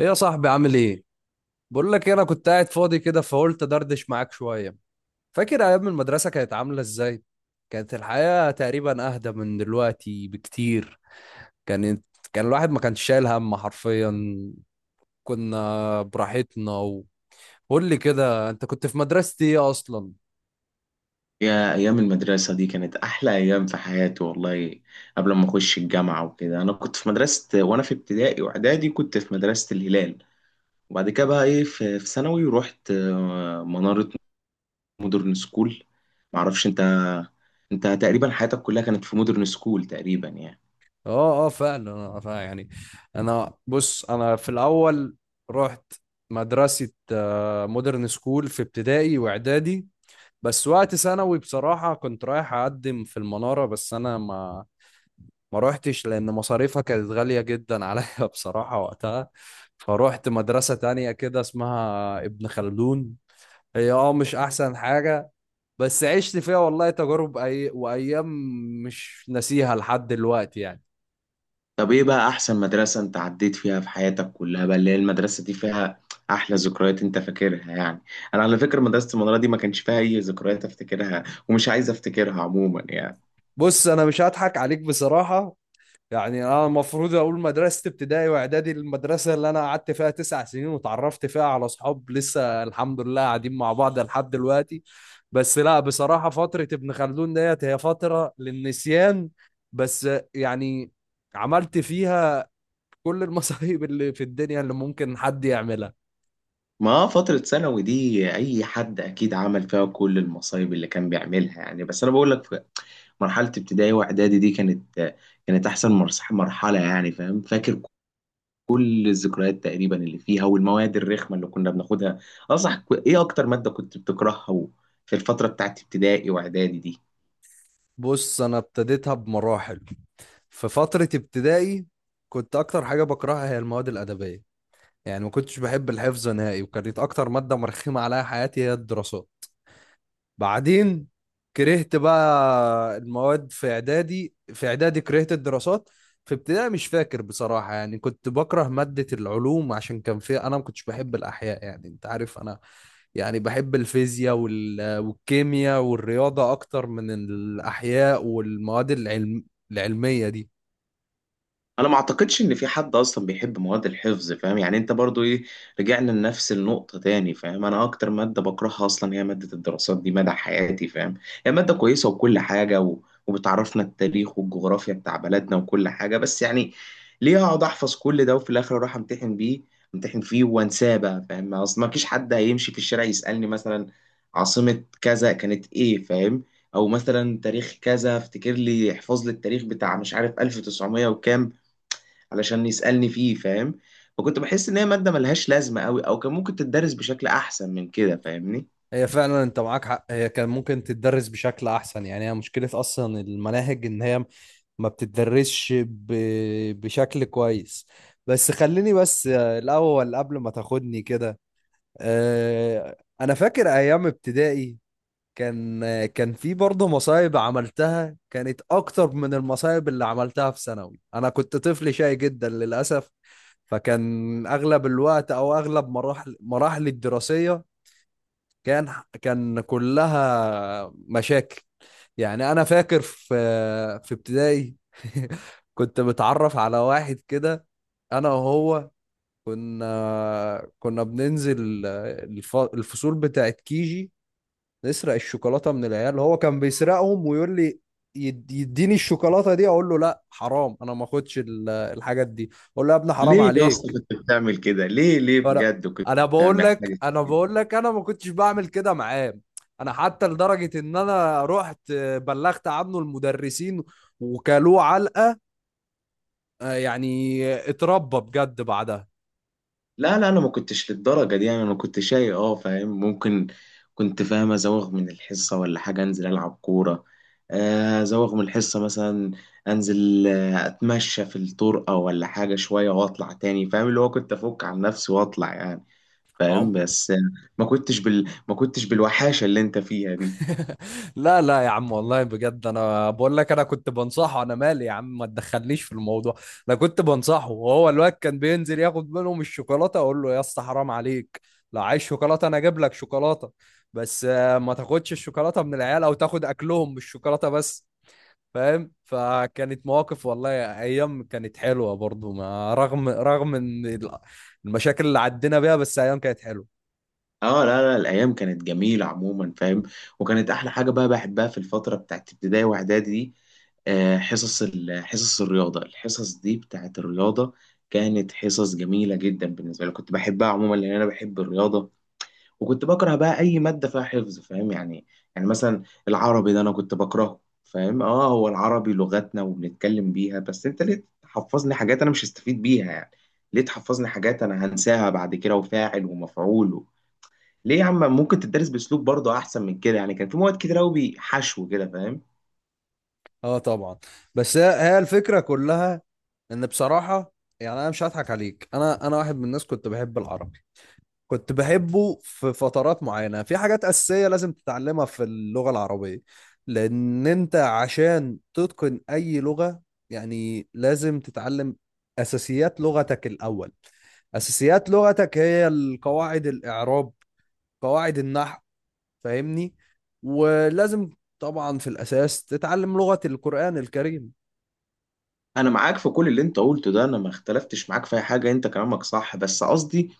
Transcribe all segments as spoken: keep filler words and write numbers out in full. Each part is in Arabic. ايه يا صاحبي، عامل ايه؟ بقول لك إيه، انا كنت قاعد فاضي كده فقلت دردش معاك شويه. فاكر ايام المدرسه كانت عامله ازاي؟ كانت الحياه تقريبا اهدى من دلوقتي بكتير. كانت كان الواحد ما كانش شايل هم حرفيا، كنا براحتنا و... قول لي كده، انت كنت في مدرسة ايه اصلا؟ يا أيام المدرسة دي كانت أحلى أيام في حياتي والله. قبل ما أخش الجامعة وكده، أنا كنت في مدرسة، وأنا في ابتدائي وإعدادي كنت في مدرسة الهلال. وبعد كده بقى إيه، في في ثانوي رحت آه، منارة مودرن سكول. معرفش أنت أنت تقريبا حياتك كلها كانت في مودرن سكول تقريبا يعني. اه، اه، فعلا، أنا- فعلا يعني. انا بص انا في الاول رحت مدرسة آه، مودرن سكول في ابتدائي واعدادي، بس وقت ثانوي بصراحة كنت رايح أقدم في المنارة، بس أنا ما ما روحتش لأن مصاريفها كانت غالية جدا عليا بصراحة وقتها. فروحت مدرسة تانية كده اسمها ابن خلدون. هي اه مش أحسن حاجة، بس عشت فيها والله تجارب أي... وأيام مش ناسيها لحد دلوقتي يعني. طب إيه بقى أحسن مدرسة أنت عديت فيها في حياتك كلها بقى، اللي هي المدرسة دي فيها أحلى ذكريات أنت فاكرها يعني؟ أنا على فكرة مدرسة المنارة دي ما كانش فيها أي ذكريات أفتكرها، ومش عايز أفتكرها عموما يعني. بص، أنا مش هضحك عليك بصراحة، يعني انا المفروض اقول مدرسه ابتدائي واعدادي، المدرسه اللي انا قعدت فيها تسع سنين وتعرفت فيها على اصحاب لسه الحمد لله قاعدين مع بعض لحد دلوقتي. بس لا، بصراحه فتره ابن خلدون ديت هي فتره للنسيان، بس يعني عملت فيها كل المصايب اللي في الدنيا اللي ممكن حد يعملها. ما فترة ثانوي دي أي حد أكيد عمل فيها كل المصايب اللي كان بيعملها يعني، بس أنا بقول لك في مرحلة ابتدائي وإعدادي دي، كانت كانت أحسن مرس- مرحلة يعني، فاهم؟ فاكر كل الذكريات تقريبا اللي فيها والمواد الرخمة اللي كنا بناخدها. أصح إيه أكتر مادة كنت بتكرهها في الفترة بتاعت ابتدائي وإعدادي دي؟ بص انا ابتديتها بمراحل. في فتره ابتدائي، كنت اكتر حاجه بكرهها هي المواد الادبيه، يعني ما كنتش بحب الحفظ نهائي، وكانت اكتر ماده مرخمه عليا حياتي هي الدراسات. بعدين كرهت بقى المواد في اعدادي، في اعدادي كرهت الدراسات. في ابتدائي مش فاكر بصراحه، يعني كنت بكره ماده العلوم عشان كان فيها، انا ما كنتش بحب الاحياء، يعني انت عارف انا يعني بحب الفيزياء وال- والكيمياء والرياضه اكتر من الاحياء والمواد العلم العلميه دي. انا ما اعتقدش ان في حد اصلا بيحب مواد الحفظ، فاهم يعني؟ انت برضو ايه، رجعنا لنفس النقطة تاني، فاهم؟ انا اكتر مادة بكرهها اصلا هي مادة الدراسات دي مدى حياتي، فاهم؟ هي مادة كويسة وكل حاجة و... وبتعرفنا التاريخ والجغرافيا بتاع بلدنا وكل حاجة، بس يعني ليه اقعد احفظ كل ده وفي الاخر اروح امتحن بيه امتحن فيه وانساه بقى، فاهم؟ اصل ما فيش حد هيمشي في الشارع يسألني مثلا عاصمة كذا كانت ايه، فاهم؟ او مثلا تاريخ كذا افتكر لي احفظ لي التاريخ بتاع مش عارف ألف وتسعمية وكام علشان يسألني فيه، فاهم؟ فكنت بحس ان هي مادة ملهاش لازمة قوي، او كان ممكن تدرس بشكل احسن من كده فاهمني. هي فعلا انت معاك حق، هي كان ممكن تتدرس بشكل احسن، يعني هي مشكلة اصلا المناهج ان هي ما بتتدرسش ب... بشكل كويس. بس خليني بس آه، الاول قبل ما تاخدني كده. آه، انا فاكر ايام ابتدائي، كان آه، كان في برضه مصايب عملتها، كانت اكتر من المصايب اللي عملتها في ثانوي. انا كنت طفل شقي جدا للاسف. فكان اغلب الوقت او اغلب مراحل مراحلي الدراسية كان كان كلها مشاكل. يعني انا فاكر في في ابتدائي كنت متعرف على واحد كده، انا وهو كنا كنا بننزل الف- الفصول بتاعت كيجي، نسرق الشوكولاتة من العيال. هو كان بيسرقهم ويقول لي يد- يديني الشوكولاتة دي. اقول له لا حرام، انا ما اخدش ال- الحاجات دي، اقول له يا ابني حرام ليه يا اسطى عليك. كنت بتعمل كده؟ ليه ليه فانا بجد كنت انا بقول بتعمل لك حاجة انا كده؟ بقول لك انا ما كنتش بعمل كده معاه. انا حتى لدرجه ان انا رحت بلغت عنه المدرسين وكلوه علقه، آه، يعني اتربى بجد بعدها. لا لا، انا ما كنتش للدرجة دي يعني. انا كنت شاي اه، فاهم؟ ممكن كنت، فاهم، ازوغ من الحصة ولا حاجة، انزل العب كورة. آه، ازوغ من الحصة مثلا، انزل آه، اتمشى في الطرقة ولا حاجة شوية واطلع تاني، فاهم اللي هو كنت افك عن نفسي واطلع يعني، فاهم؟ عم- بس ما كنتش بال... ما كنتش بالوحاشه اللي انت فيها دي. لا لا يا عم والله بجد، انا بقول لك انا كنت بنصحه، انا مالي يا عم؟ ما تدخلنيش في الموضوع. انا كنت بنصحه، وهو الواد كان بينزل ياخد منهم الشوكولاته، اقول له يا اسطى حرام عليك، لو عايز شوكولاته انا اجيب لك شوكولاته، بس آه، ما تاخدش الشوكولاته من العيال او تاخد اكلهم بالشوكولاته بس، فاهم؟ فكانت مواقف والله، ايام كانت حلوه برضو، ما رغم رغم ان ال- المشاكل اللي عدينا بيها، بس ايام كانت حلوه. اه لا لا، الايام كانت جميله عموما، فاهم؟ وكانت احلى حاجه بقى بحبها في الفتره بتاعت ابتدائي واعدادي دي آه، حصص ال- حصص الرياضه، الحصص دي بتاعت الرياضه كانت حصص جميله جدا بالنسبه لي، كنت بحبها عموما لان انا بحب الرياضه. وكنت بكره بقى اي ماده فيها حفظ، فاهم يعني يعني مثلا العربي ده انا كنت بكرهه، فاهم؟ اه هو العربي لغتنا وبنتكلم بيها، بس انت ليه تحفظني حاجات انا مش هستفيد بيها يعني؟ ليه تحفظني حاجات انا هنساها بعد كده، وفاعل ومفعول و... ليه يا عم؟ ممكن تدرس باسلوب برضه احسن من كده يعني، كان في مواد كتير قوي حشو كده، فاهم. اه طبعا. بس هي هي الفكره كلها ان بصراحه، يعني انا مش هضحك عليك، انا انا واحد من الناس كنت بحب العربي، كنت بحبه في فترات معينه. في حاجات اساسيه لازم تتعلمها في اللغه العربيه، لان انت عشان تتقن اي لغه يعني لازم تتعلم اساسيات لغتك الاول. اساسيات لغتك هي القواعد، الاعراب، قواعد النحو، فاهمني؟ ولازم طبعا في الاساس تتعلم لغة القرآن الكريم. انا معاك في كل اللي انت قلته ده، انا ما اختلفتش معاك في اي حاجه، انت كلامك صح، بس قصدي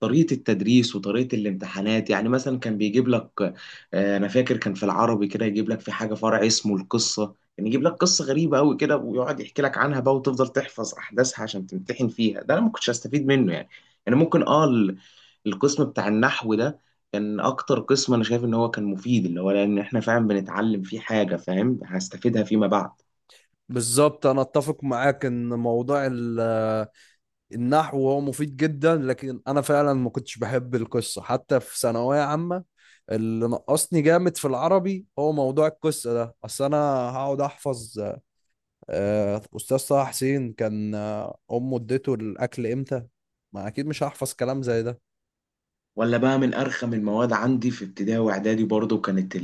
طريقة التدريس وطريقة الامتحانات. يعني مثلا كان بيجيب لك آه، أنا فاكر كان في العربي كده يجيب لك في حاجة فرع اسمه القصة، يعني يجيب لك قصة غريبة أوي كده ويقعد يحكي لك عنها بقى وتفضل تحفظ أحداثها عشان تمتحن فيها، ده أنا ما كنتش هستفيد منه يعني يعني ممكن أه ال- القسم بتاع النحو ده كان أكتر قسم أنا شايف إن هو كان مفيد، اللي هو لأن إحنا فعلا بنتعلم فيه حاجة، فاهم، هستفيدها فيما بعد. بالظبط، انا اتفق معاك ان موضوع ال- النحو هو مفيد جدا، لكن انا فعلا ما كنتش بحب القصه حتى في ثانويه عامه. اللي نقصني جامد في العربي هو موضوع القصه ده. اصل انا هقعد احفظ آه، استاذ طه حسين كان آه، امه اديته الاكل امتى؟ ما اكيد مش هحفظ كلام زي ده. ولا بقى من أرخم المواد عندي في ابتدائي وإعدادي برضو، كانت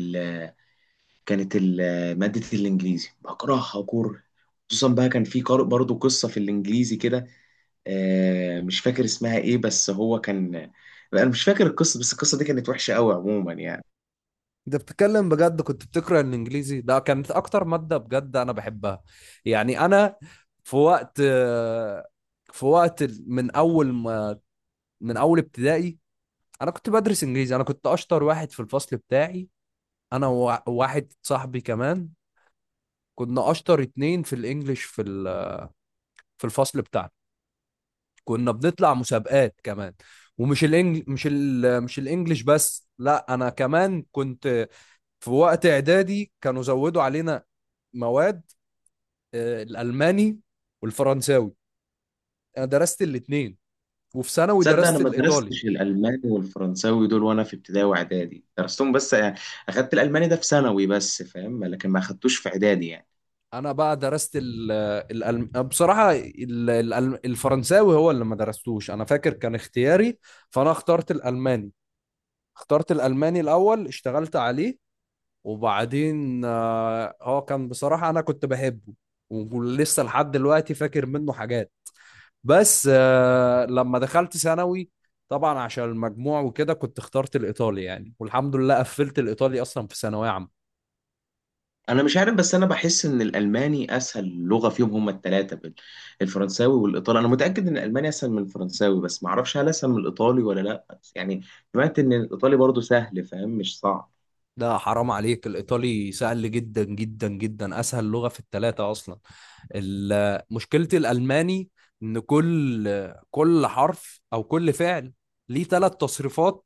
كانت ال- مادة الإنجليزي، بكرهها كره. خصوصا بقى كان في قار- برضه قصة في الإنجليزي كده، آه، مش فاكر اسمها إيه، بس هو كان، أنا مش فاكر القصة، بس القصة دي كانت وحشة قوي عموما يعني. انت بتتكلم بجد؟ كنت بتقرا الانجليزي ده كانت اكتر ماده بجد انا بحبها، يعني انا في وقت آه، في وقت ال- من اول ما من اول ابتدائي انا كنت بدرس انجليزي، انا كنت اشطر واحد في الفصل بتاعي، انا ووا- وواحد صاحبي كمان، كنا اشطر اتنين في الانجليش في ال- في الفصل بتاعنا، كنا بنطلع مسابقات كمان. ومش الانجل مش ال مش الانجليش بس، لا انا كمان كنت في وقت اعدادي كانوا زودوا علينا مواد آه، الالماني والفرنساوي، انا درست الاتنين، وفي ثانوي تصدق أنا درست ما الايطالي. درستش الألماني والفرنساوي دول وأنا في ابتدائي وإعدادي، درستهم بس آه، أخدت الألماني ده في ثانوي بس، فاهم، لكن ما أخدتوش في إعدادي يعني. انا بقى درست ال الألم... بصراحه ال... الألم... الفرنساوي هو اللي ما درستوش، انا فاكر كان اختياري، فانا اخترت الالماني اخترت الالماني الاول، اشتغلت عليه، وبعدين آه، هو كان بصراحه انا كنت بحبه، ولسه لحد دلوقتي فاكر منه حاجات، بس آه، لما دخلت ثانوي طبعا عشان المجموع وكده كنت اخترت الايطالي يعني، والحمد لله قفلت الايطالي اصلا في ثانويه عامه. انا مش عارف، بس انا بحس ان الالماني اسهل لغه فيهم هما الثلاثه، الفرنساوي والايطالي. انا متاكد ان الالماني اسهل من الفرنساوي، بس ما اعرفش هل اسهل من الايطالي ولا لا، بس يعني سمعت ان الايطالي برضو سهل، فاهم، مش صعب. لا حرام عليك، الإيطالي سهل جدا جدا جدا، أسهل لغة في الثلاثة أصلا. ال- مشكلة الألماني إن كل كل حرف أو كل فعل ليه ثلاث تصريفات،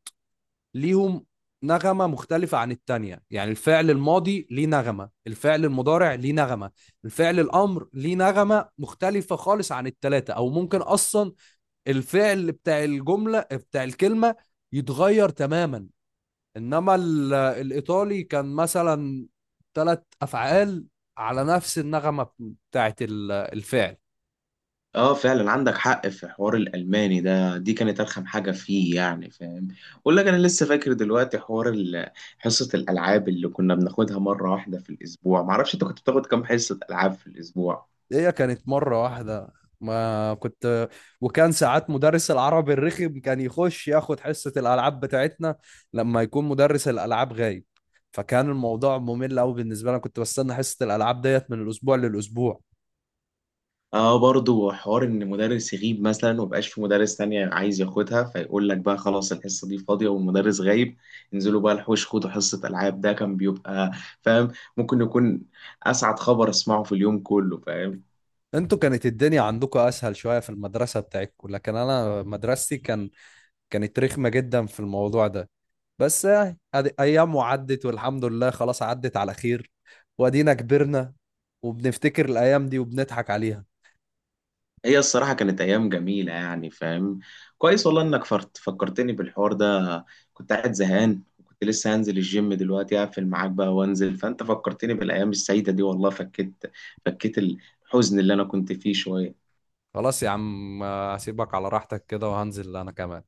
ليهم نغمة مختلفة عن التانية، يعني الفعل الماضي ليه نغمة، الفعل المضارع ليه نغمة، الفعل الأمر ليه نغمة مختلفة خالص عن التلاتة، أو ممكن أصلا الفعل بتاع الجملة بتاع الكلمة يتغير تماما. انما ال- الايطالي كان مثلا ثلاث افعال على نفس النغمه بتاعت ال- الفعل. اه فعلا عندك حق، في حوار الالماني ده دي كانت ارخم حاجه فيه يعني، فاهم؟ اقول لك انا لسه فاكر دلوقتي حوار ال- حصه الالعاب اللي كنا بناخدها مره واحده في الاسبوع. ما اعرفش انت كنت بتاخد كام حصه العاب في الاسبوع؟ هي كانت مره واحده، ما كنت وكان ساعات مدرس العربي الرخم كان يخش ياخد حصه الالعاب بتاعتنا لما يكون مدرس الالعاب غايب، فكان الموضوع ممل قوي بالنسبه لي، كنت بستنى حصه الالعاب ديت من الاسبوع للاسبوع. اه برضو حوار ان مدرس يغيب مثلا ومبقاش في مدرس تانية عايز ياخدها، فيقول لك بقى خلاص الحصة دي فاضية والمدرس غايب، انزلوا بقى الحوش خدوا حصة ألعاب. ده كان بيبقى، فاهم، ممكن يكون أسعد خبر أسمعه في اليوم كله، فاهم. انتوا كانت الدنيا عندكم اسهل شويه في المدرسه بتاعتكم، لكن انا مدرستي كان كانت رخمه جدا في الموضوع ده. بس يعني أدي- ايام وعدت والحمد لله، خلاص عدت على خير، وادينا كبرنا وبنفتكر الايام دي وبنضحك عليها. هي الصراحة كانت أيام جميلة يعني، فاهم؟ كويس والله إنك فرت- فكرتني بالحوار ده. كنت قاعد زهقان وكنت لسه هنزل الجيم دلوقتي، هقفل معاك بقى وانزل، فأنت فكرتني بالأيام السعيدة دي والله، فكيت فكيت الحزن اللي أنا كنت فيه شوية. خلاص يا عم، آه، هسيبك على راحتك كده وهنزل انا كمان.